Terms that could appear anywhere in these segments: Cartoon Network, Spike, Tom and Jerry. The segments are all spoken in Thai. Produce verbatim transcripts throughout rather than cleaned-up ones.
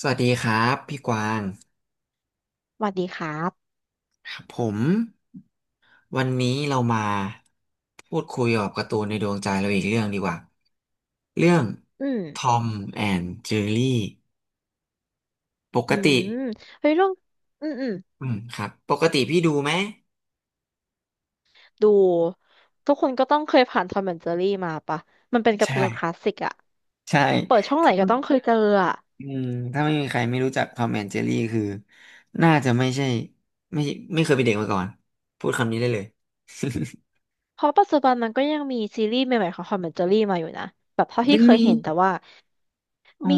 สวัสดีครับพี่กวางสวัสดีครับครับผมวันนี้เรามาพูดคุยกับการ์ตูนในดวงใจเราอีกเรื่องดีกว่าเรื่องอืม ทอมแอนด์เจอรี่ปอืกติมเฮ้ยเรื่อง อืมอืม อืมครับปกติพี่ดูไหมดูทุกคนก็ต้องเคยผ่านทอมแอนด์เจอรี่มาปะมันเป็นการ์ตูนคลาใช่สสิกอะใช่เปิดช่องไหนถ้าก็ต้องเคยเจออะอืมถ้าไม่มีใครไม่รู้จักทอมแอนด์เจอรี่คือน่าจะไม่ใช่ไม่ไม่เคยเป็นเด็กมาก่อนพูดคำนี้ได้เลย เพราะปัจจุบันมันก็ยังมีซีรีส์ใหม่ๆของทอมแอนด์เจอรี่มาอยู่นะ แบบเท่าที่ยังเคยมีเห็นแต่ว่า อ๋อมี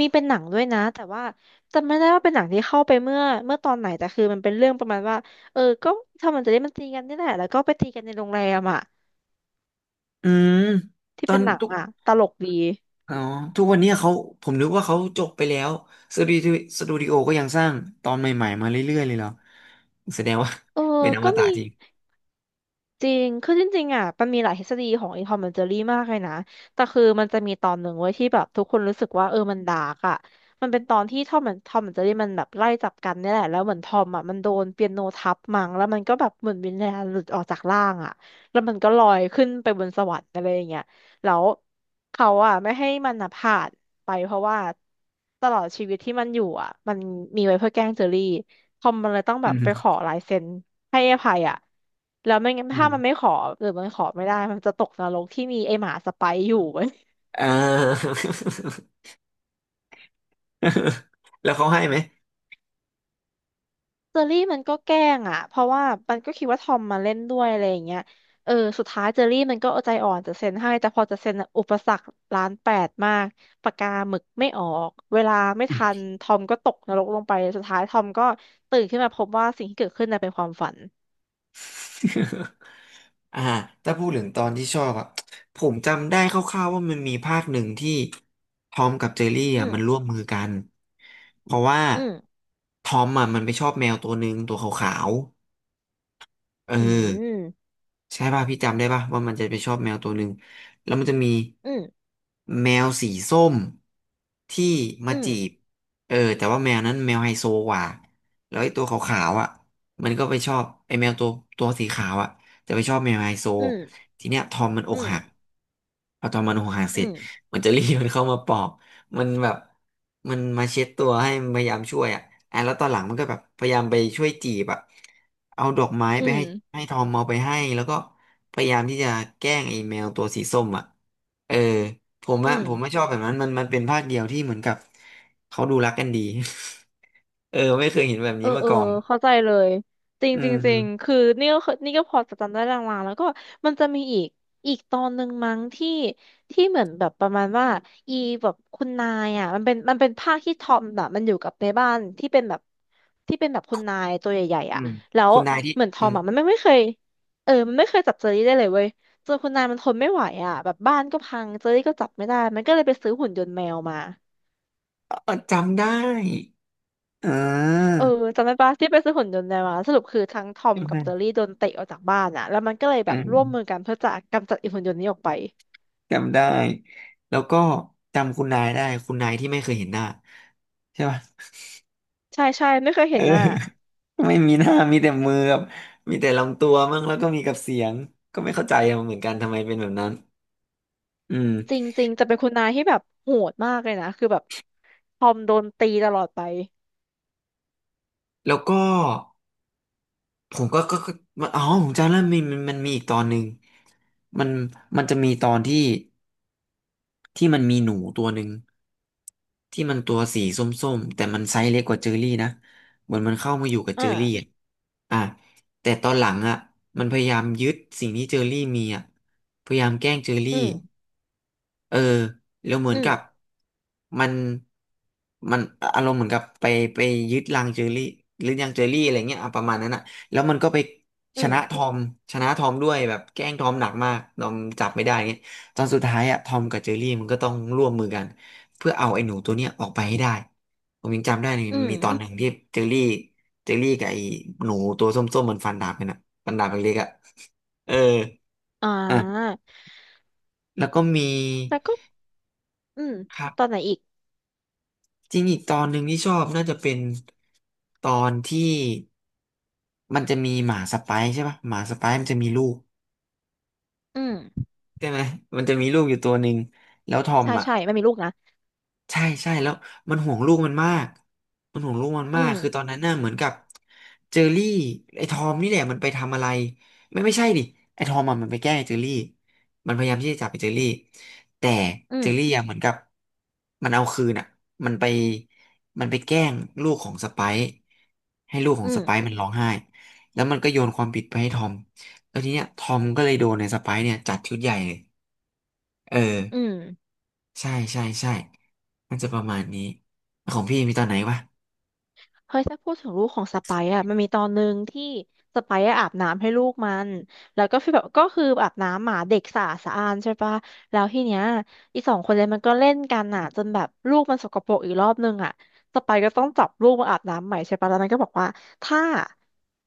มีเป็นหนังด้วยนะ แต่ว่าจำไม่ได้ว่าเป็นหนังที่เข้าไปเมื่อเมื่อตอนไหนแต่คือมันเป็นเรื่องประมาณว่าเออก็ทอมแอนด์เจอรี่มันตีกันนี่แหละแล้วก็ไปตีกันในโรงแรมอะอืมที่ตอเป็นนหนังทุก อะตลกดีอ๋อทุกวันเนี้ยเขาผมนึกว่าเขาจบไปแล้วสตูดิโอสตูดิโอก็ยังสร้างตอนใหม่ๆมาเรื่อยๆเลยเหรอแสดงว่า เออ เป็นอมก็ตะมี จริงจริงคือจริงๆอ่ะมันมีหลายทฤษฎีของ i n c o อมเมนเจอรี่มากเลยนะ แต่คือมันจะมีตอนหนึ่งไว้ยที่แบบทุกคนรู้สึกว่าเออมันดาร์กอ่ะมันเป็นตอนที่ทอมมันทอมแอนเจอรี่มันแบบไล่จับกันเนี่ยแหละแล้วเหมือนทอมอ่ะมันโดนเปียโนทับมั้งแล้วมันก็แบบเหมือนวิญญาณหลุดออกจากร่างอ่ะแล้วมันก็ลอยขึ้นไปบนสวรรค์อะไรอย่างเงี้ย แล้วเขาอ่ะไม่ให้มันอ่ะผ่านไปเพราะว่าตลอดชีวิตที่มันอยู่อ่ะมันมีไว้เพื่อแกล้งเจอรี่ คอมมันเลยต้องแบอืบไปขมอลายเซ็นให้ไอ้ไผ่อ่ะแล้วไม่งั้นอืถ้ามันมไม่ขอหรือมันขอไม่ได้มันจะตกนรกที่มีไอ้หมาสไปร์อยู่เว้ย อ่า แล้วเขาให้ไหม เจอรี่มันก็แกล้งอ่ะเพราะว่ามันก็คิดว่าทอมมาเล่นด้วยอะไรอย่างเงี้ยเออสุดท้ายเจอรี่มันก็เอาใจอ่อนจะเซ็นให้แต่พอจะเซ็นอะอุปสรรคล้านแปดมากปากกาหมึกไม่ออกเวลาไม่ทันทอมก็ตกนรกลงไปสุดท้ายทอมก็ตื่นขึ้นมาพบว่าสิ่งที่เกิดขึ้นน่ะเป็นความฝัน อ่าถ้าพูดถึงตอนที่ชอบอ่ะผมจำได้คร่าวๆว่ามันมีภาคหนึ่งที่ทอมกับเจอรี่อือ่ะมมันร่วมมือกันเพราะว่าอืมทอมอ่ะมันไปชอบแมวตัวหนึ่งตัวขาวๆเออ อืมใช่ป่ะพี่จำได้ป่ะว่ามันจะไปชอบแมวตัวหนึ่งแล้วมันจะมีอืมแมวสีส้มที่มาอืมจีบเออแต่ว่าแมวนั้นแมวไฮโซกว่าแล้วไอ้ตัวขาวๆอ่ะมันก็ไปชอบไอ้แมวตัวตัวสีขาวอ่ะจะไปชอบแมวไฮโซอืมทีเนี้ยทอมมันออืกหักมพอทอมมันอกหักอืเสร็จ ม มันจะรีบมันเข้ามาปอกมันแบบมันมาเช็ดตัวให้พยายามช่วยอ่ะอ่ะแล้วตอนหลังมันก็แบบพยายามไปช่วยจีบอ่ะเอาดอกไม้ไปอืมให้ให้ทอมเอาไปให้แล้วก็พยายามที่จะแกล้งไอ้แมวตัวสีส้มอ่ะเออผมอะอืมผมไม่ชอบแบบนั้นมันมันเป็นภาคเดียวที่เหมือนกับเขาดูรักกันดี เออไม่เคยเห็นแบบเออนี้มาเออก่อนเข้าใจเลยจริงอืจริงจริงมคือนี่ก็เคยนี่ก็พอจะจำได้ลางๆแล้วก็มันจะมีอีกอีกตอนหนึ่งมั้งที่ที่เหมือนแบบประมาณว่าอีแบบคุณนายอ่ะมันเป็นมันเป็นภาคที่ทอมแบบมันอยู่กับในบ้านที่เป็นแบบที่เป็นแบบคุณนายตัวใหญ่ๆอือ่ะมแล้วคุณนายที่เหมือนทอือมมอ่ะมันไม่ไม่เคยเออมันไม่เคยจับเจอรี่ได้เลยเว้ยจนคุณนายมันทนไม่ไหวอ่ะแบบบ้านก็พังเจอรี่ก็จับไม่ได้มันก็เลยไปซื้อหุ่นยนต์แมวมา ออจำได้อ่าเออจำได้ปะที่ไปซื้อหุ่นยนต์ในมาสรุปคือทั้งทอมจำกับเจอได้รี่โดนเตะออกจากบ้านอ่ะแล้วมันก็เลยแบอืบม ร่วมมือกันเพื่อจะกำจัดไอีหุ่นยนต์นี้ออกไปจำได้ แล้วก็จำคุณนายได้คุณนายที่ไม่เคยเห็นหน้าใช่ป่ะใช่ใช่ไม่เคยเอเห็อ นหน้า ไม่มีหน้ามีแต่มือกับมีแต่ลำตัวมั่งแล้วก็มีกับเสียงก็ไม่เข้าใจอะเหมือนกันทำไมเป็นแบบนั้นอืมจริงๆจะเป็นคุณนายที่แบบโหดมากเลยนะคือแบบทอมโดนตีตลอดไปแล้วก็ผมก็ก็ก็อ๋อผมจำแล้วมีมันมันมีอีกตอนหนึ่งมันมันจะมีตอนที่ ที่มันมีหนูตัวหนึ่งที่มันตัวสีส้มๆแต่มันไซส์เล็กกว่าเจอรี่นะเหมือนมันเข้ามาอยู่กับอ่าเจอรี่อ่ะอ่ะแต่ตอนหลังอ่ะมันพยายามยึดสิ่งที่เจอรี่มีอ่ะพยายามแกล้งเจอรี่อืมเออแล้วเหมืออืนกับมมันมันอารมณ์เหมือนกับไปไปยึดรังเจอรี่หรือยังเจอรี่อะไรเงี้ยอ่ะประมาณนั้นอ่ะแล้วมันก็ไปอืชมนะทอมชนะทอมด้วยแบบแกล้งทอมหนักมากทอมจับไม่ได้เงี้ย ตอนสุดท้ายอะทอมกับเจอรี่มันก็ต้องร่วมมือกันเพื่อเอาไอ้หนูตัวเนี้ยออกไปให้ได้ผมยังจำได้เลยอืมมีตอนหนึ่งที่เจอรี่เจอรี่กับไอ้หนูตัวส้มๆมันฟันดาบกันอะฟันดาบเล็กๆอะเอออ่อ่ะาแล้วก็มีแล้วก็อืมครัตอนบไหนอีกจริงอีกตอนหนึ่งที่ชอบน่าจะเป็นตอนที่มันจะมีหมาสไปซ์ใช่ปะหมาสไปซ์มันจะมีลูกอืมใช่ไหมมันจะมีลูกอยู่ตัวหนึ่งแล้วทอมใช่อ่ะ ใช่มันมีลูกนะใช่ใช่แล้วมันห่วงลูกมันมากมันห่วงลูกมันอืมากมคือตอนนั้นน่ะเหมือนกับเจอรี่ไอ้ทอมนี่แหละมันไปทำอะไรไม่ไม่ใช่ดิไอ้ทอมอะมันไปแกล้งไอ้เจอรี่มันพยายามที่จะจับไอ้เจอรี่แต่อืเจมอรี่อะเหมือนกับมันเอาคืนอ่ะมันไปมันไปแกล้งลูกของสไปซ์ให้ลูกขอืองสมไปซ์มันร้องไห้แล้วมันก็โยนความผิดไปให้ทอมแล้วทีเนี้ยทอมก็เลยโดนในสไปซ์เนี่ยจัดชุดใหญ่เลยเออ อืม ใช่ใช่ใช่มันจะประมาณนี้ของพี่มีตอนไหนวะเฮ้ยถ้าพูดถึงลูกของสไปซ์อะมันมีตอนหนึ่งที่สไปซ์อะอาบน้ำให้ลูกมันแล้วก็ฟีลแบบก็คืออาบน้ำหมาเด็กสะอาดสะอานใช่ปะแล้วทีเนี้ยอีสองคนเลยมันก็เล่นกันอะจนแบบลูกมันสกปรกอีกรอบนึงอะสไปซ์ก็ต้องจับลูกมาอาบน้ำใหม่ใช่ปะแล้วมันก็บอกว่าถ้า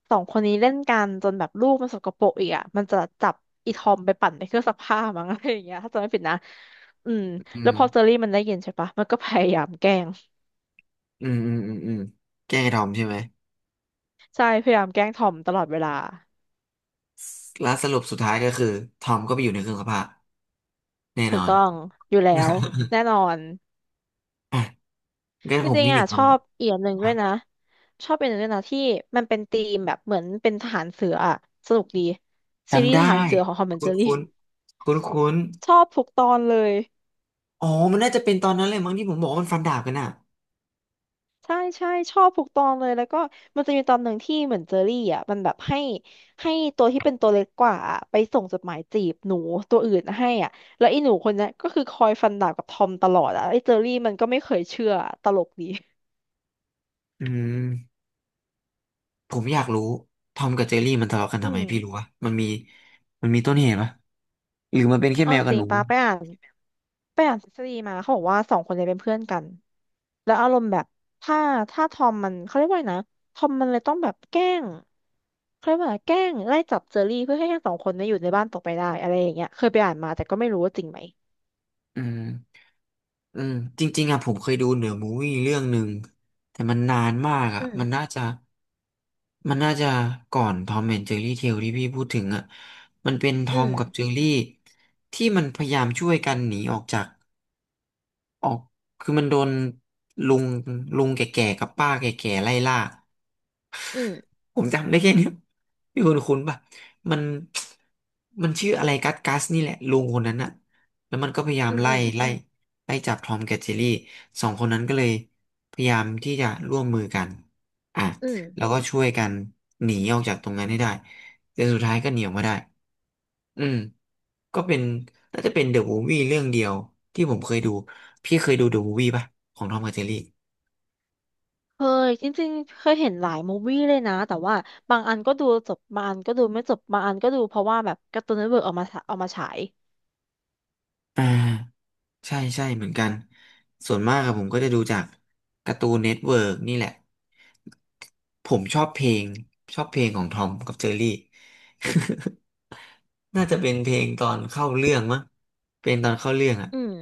สองคนนี้เล่นกันจนแบบลูกมันสกปรกอีกอะมันจะจับอีทอมไปปั่นในเครื่องซักผ้ามั้งอะไรอย่างเงี้ยถ้าจำไม่ผิดนะอืมอืแล้วมพอเจอรี่มันได้ยินใช่ปะมันก็พยายามแกล้งอืมอืมอืมอืมแกล้งไอ้ทอมใช่ไหมใช่พยายามแกล้งทอมตลอดเวลา แล้วสรุปสุดท้ายก็คือทอมก็ไปอยู่ในเครื่องซักผ้าแน่ถูนกอน ต้องอยู่แล้วแน่นอ นอ่ะงั้นจผมริงมีๆหอ่ะนึ่งคชอบอีกอย่างหนึ่งำคด้วรัยบนะชอบเป็นหนึ่งด้วยนะที่มันเป็นธีมแบบเหมือนเป็นทหารเสืออ่ะสนุกดีซีรีจำส์ทได้ หารเสือของทอมแอนด์เจคุ้อนรี่คุ้นคุ้นคุ้นชอบทุกตอนเลยๆอ๋อมันน่าจะเป็นตอนนั้นเลยมั้งที่ผมบอกว่ามันฟันดาบกันอ่ะ ใช่ใช่ชอบทุกตอนเลยแล้วก็มันจะมีตอนหนึ่งที่เหมือนเจอรี่อ่ะมันแบบให้ให้ตัวที่เป็นตัวเล็กกว่าอะไปส่งจดหมายจีบหนูตัวอื่นให้อ่ะแล้วไอ้หนูคนเนี้ยก็คือคอยฟันดาบกับทอมตลอดอ่ะไอ้เจอรี่มันก็ไม่เคยเชื่อตลกดีอืมผมอยากรู้ทอมกับเจอรี่มันทะเลาะกันอืทำไมมพี่รู้วะมันมีมันมีต้นเหตุปะหรือมันเป็นแค่เอาแมจวกับริหงนูๆป้าไปอ่าน ไปอ่านทฤษฎีมาเขาบอกว่าสองคนเนี่ยเป็นเพื่อนกันแล้วอารมณ์แบบถ้าถ้าทอมมันเขาเรียกว่าไงนะทอมมันเลยต้องแบบแกล้งเขาเรียกว่าอะไรแกล้งไล่จับเจอรี่เพื่อให้ทั้งสองคนเนี่ยอยู่ในบ้านต่อไปได้อะไรอย่างเงี้ยเคยไปอ่านมาแต่ก็ไม่รู้ว่าจริงไหมอืม อืมจริงๆอ่ะผมเคยดูเหนือมูวี่เรื่องหนึ่งแต่มันนานมากอือ่ะมันน่ามจะมันน่าจะก่อนทอมแอนด์เจอรี่เทลที่พี่พูดถึงอ่ะมันเป็นทอือมมกับเจอรี่ที่มันพยายามช่วยกันหนีออกจาก ออกคือมันโดนลุงลุงแก่ๆกับป้าแก่ๆไล่ล่า อืมผมจำได้แค่เนี้ยพี่คุณคุณป่ะมันมันชื่ออะไรกัสกัสนี่แหละลุงคนนั้นอะแล้วมันก็พยายาอืมมไล่อืมไล่ไล่จับทอมกับเจอรี่สองคนนั้นก็เลยพยายามที่จะร่วมมือกันอ่ะอืมแล้วก็ช่วยกันหนีออกจากตรงนั้นให้ได้ แต่สุดท้ายก็หนีออกมาได้ อืม ก็เป็นน่าจะเป็นเดอะมูฟวี่เรื่องเดียวที่ผมเคยดูพี่เคยดูเดอะมูฟวี่ป่ะของทอมกับเจอรี่ เคยจริงๆเคยเห็นหลายมูฟวี่เลยนะแต่ว่าบางอันก็ดูจบบางอันก็ดูไม่จบบางอันก็ดูเพราะว่าแบบการ์ตูนเน็ตเวิร์กเอามาเอามาฉายอ่า ใช่ใช่เหมือนกัน ส่วนมากอะผมก็จะดูจากการ์ตูนเน็ตเวิร์กนี่แหละ ผมชอบเพลงชอบเพลงของทอมกับเจอรี่ น่าจะเป็นเพลงตอนเข้าเรื่องมั้งเป็นตอนเข้าเรื่องอ่ะอืม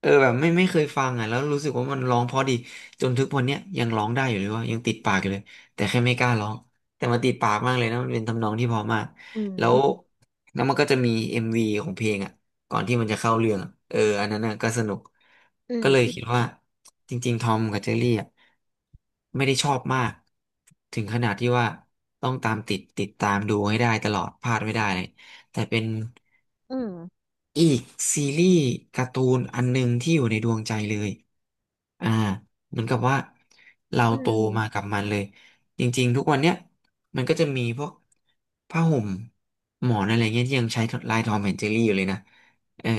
เออแบบไม่ไม่เคยฟังอ่ะแล้วรู้สึกว่ามันร้องเพราะดีจนทุกวันเนี้ยยังร้องได้อยู่เลยว่ายังติดปากอยู่เลยแต่แค่ไม่กล้าร้องแต่มันติดปากมากเลยนะมันเป็นทำนองที่เพอมากอืแล้วมแล้วมันก็จะมีเอ็มวีของเพลงอ่ะก่อนที่มันจะเข้าเรื่องอะเอออันนั้นน่ะก็สนุกอืก็มเลยคิดว่าจริงๆทอมกับเจอรี่อ่ะไม่ได้ชอบมากถึงขนาดที่ว่าต้องตามติดติดตามดูให้ได้ตลอดพลาดไม่ได้เลย แต่เป็นอืมอีกซีรีส์การ์ตูนอันหนึงที่อยู่ในดวงใจเลย อ่าเหมือนกับว่าเราอืโตมาม กับมันเลย จริงๆทุกวันเนี้ยมันก็จะมีพวกผ้าห่มหมอนอะไรเงี้ยที่ยังใช้ลายทอมแอนด์เจอรี่อยู่เลยนะ เออ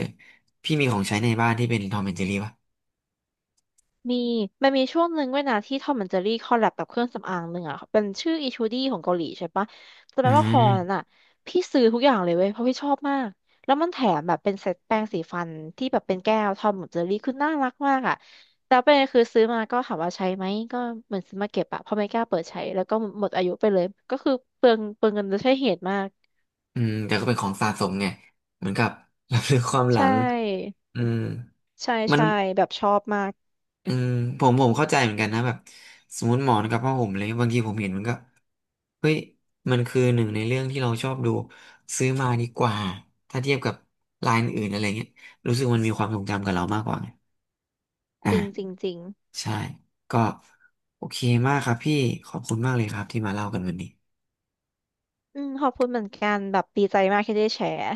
พี่มีของใช้ในบ้านที่เป็นทอมแอนด์เจอรี่ป่ะมี มันมีช่วงหนึ่งด้วยนะที่ทอมแอนด์เจอรี่คอลแลบกับเครื่องสำอางหนึ่งอ่ะ เป็นชื่ออีชูดี้ของเกาหลีใช่ปะแต่แปอืลว่าคอนั้นมอ่ะพี่ซื้อทุกอย่างเลยเว้ยเพราะพี่ชอบมาก แล้วมันแถมแบบเป็นเซตแปรงสีฟันที่แบบเป็นแก้วทอมแอนด์เจอรี่คือน่ารักมากอ่ะแต่ประเด็นคือซื้อมาก็ถามว่าใช้ไหมก็เหมือนซื้อมาเก็บอ่ะเพราะไม่กล้าเปิดใช้แล้วก็หมดอายุไปเลยก็คือเปลืองเปลืองเงินโดยใช่เหตุมากอืมแต่ก็เป็นของสะสมไงเหมือนกับ รับรู้ความหใชลัง ่อืมใช่มัน ใช่แบบชอบมากอืมผมผมเข้าใจเหมือนกันนะแบบสมมติหมอนกับผ้าห่มเลยบางทีผมเห็นมันก็เฮ้ยมันคือหนึ่งในเรื่องที่เราชอบดูซื้อมาดีกว่าถ้าเทียบกับลายอื่นๆอะไรเงี้ยรู้สึกมันมีความทรงจำกับเรามากกว่าไงจริงจริงอ่าจริงใช่ก็โอเคมากครับพี่ขอบคุณมากเลยครับที่มาเล่ากันวันนี้อืมขอบคุณเหมือนกันแบบดีใจมากที่ได้แชร์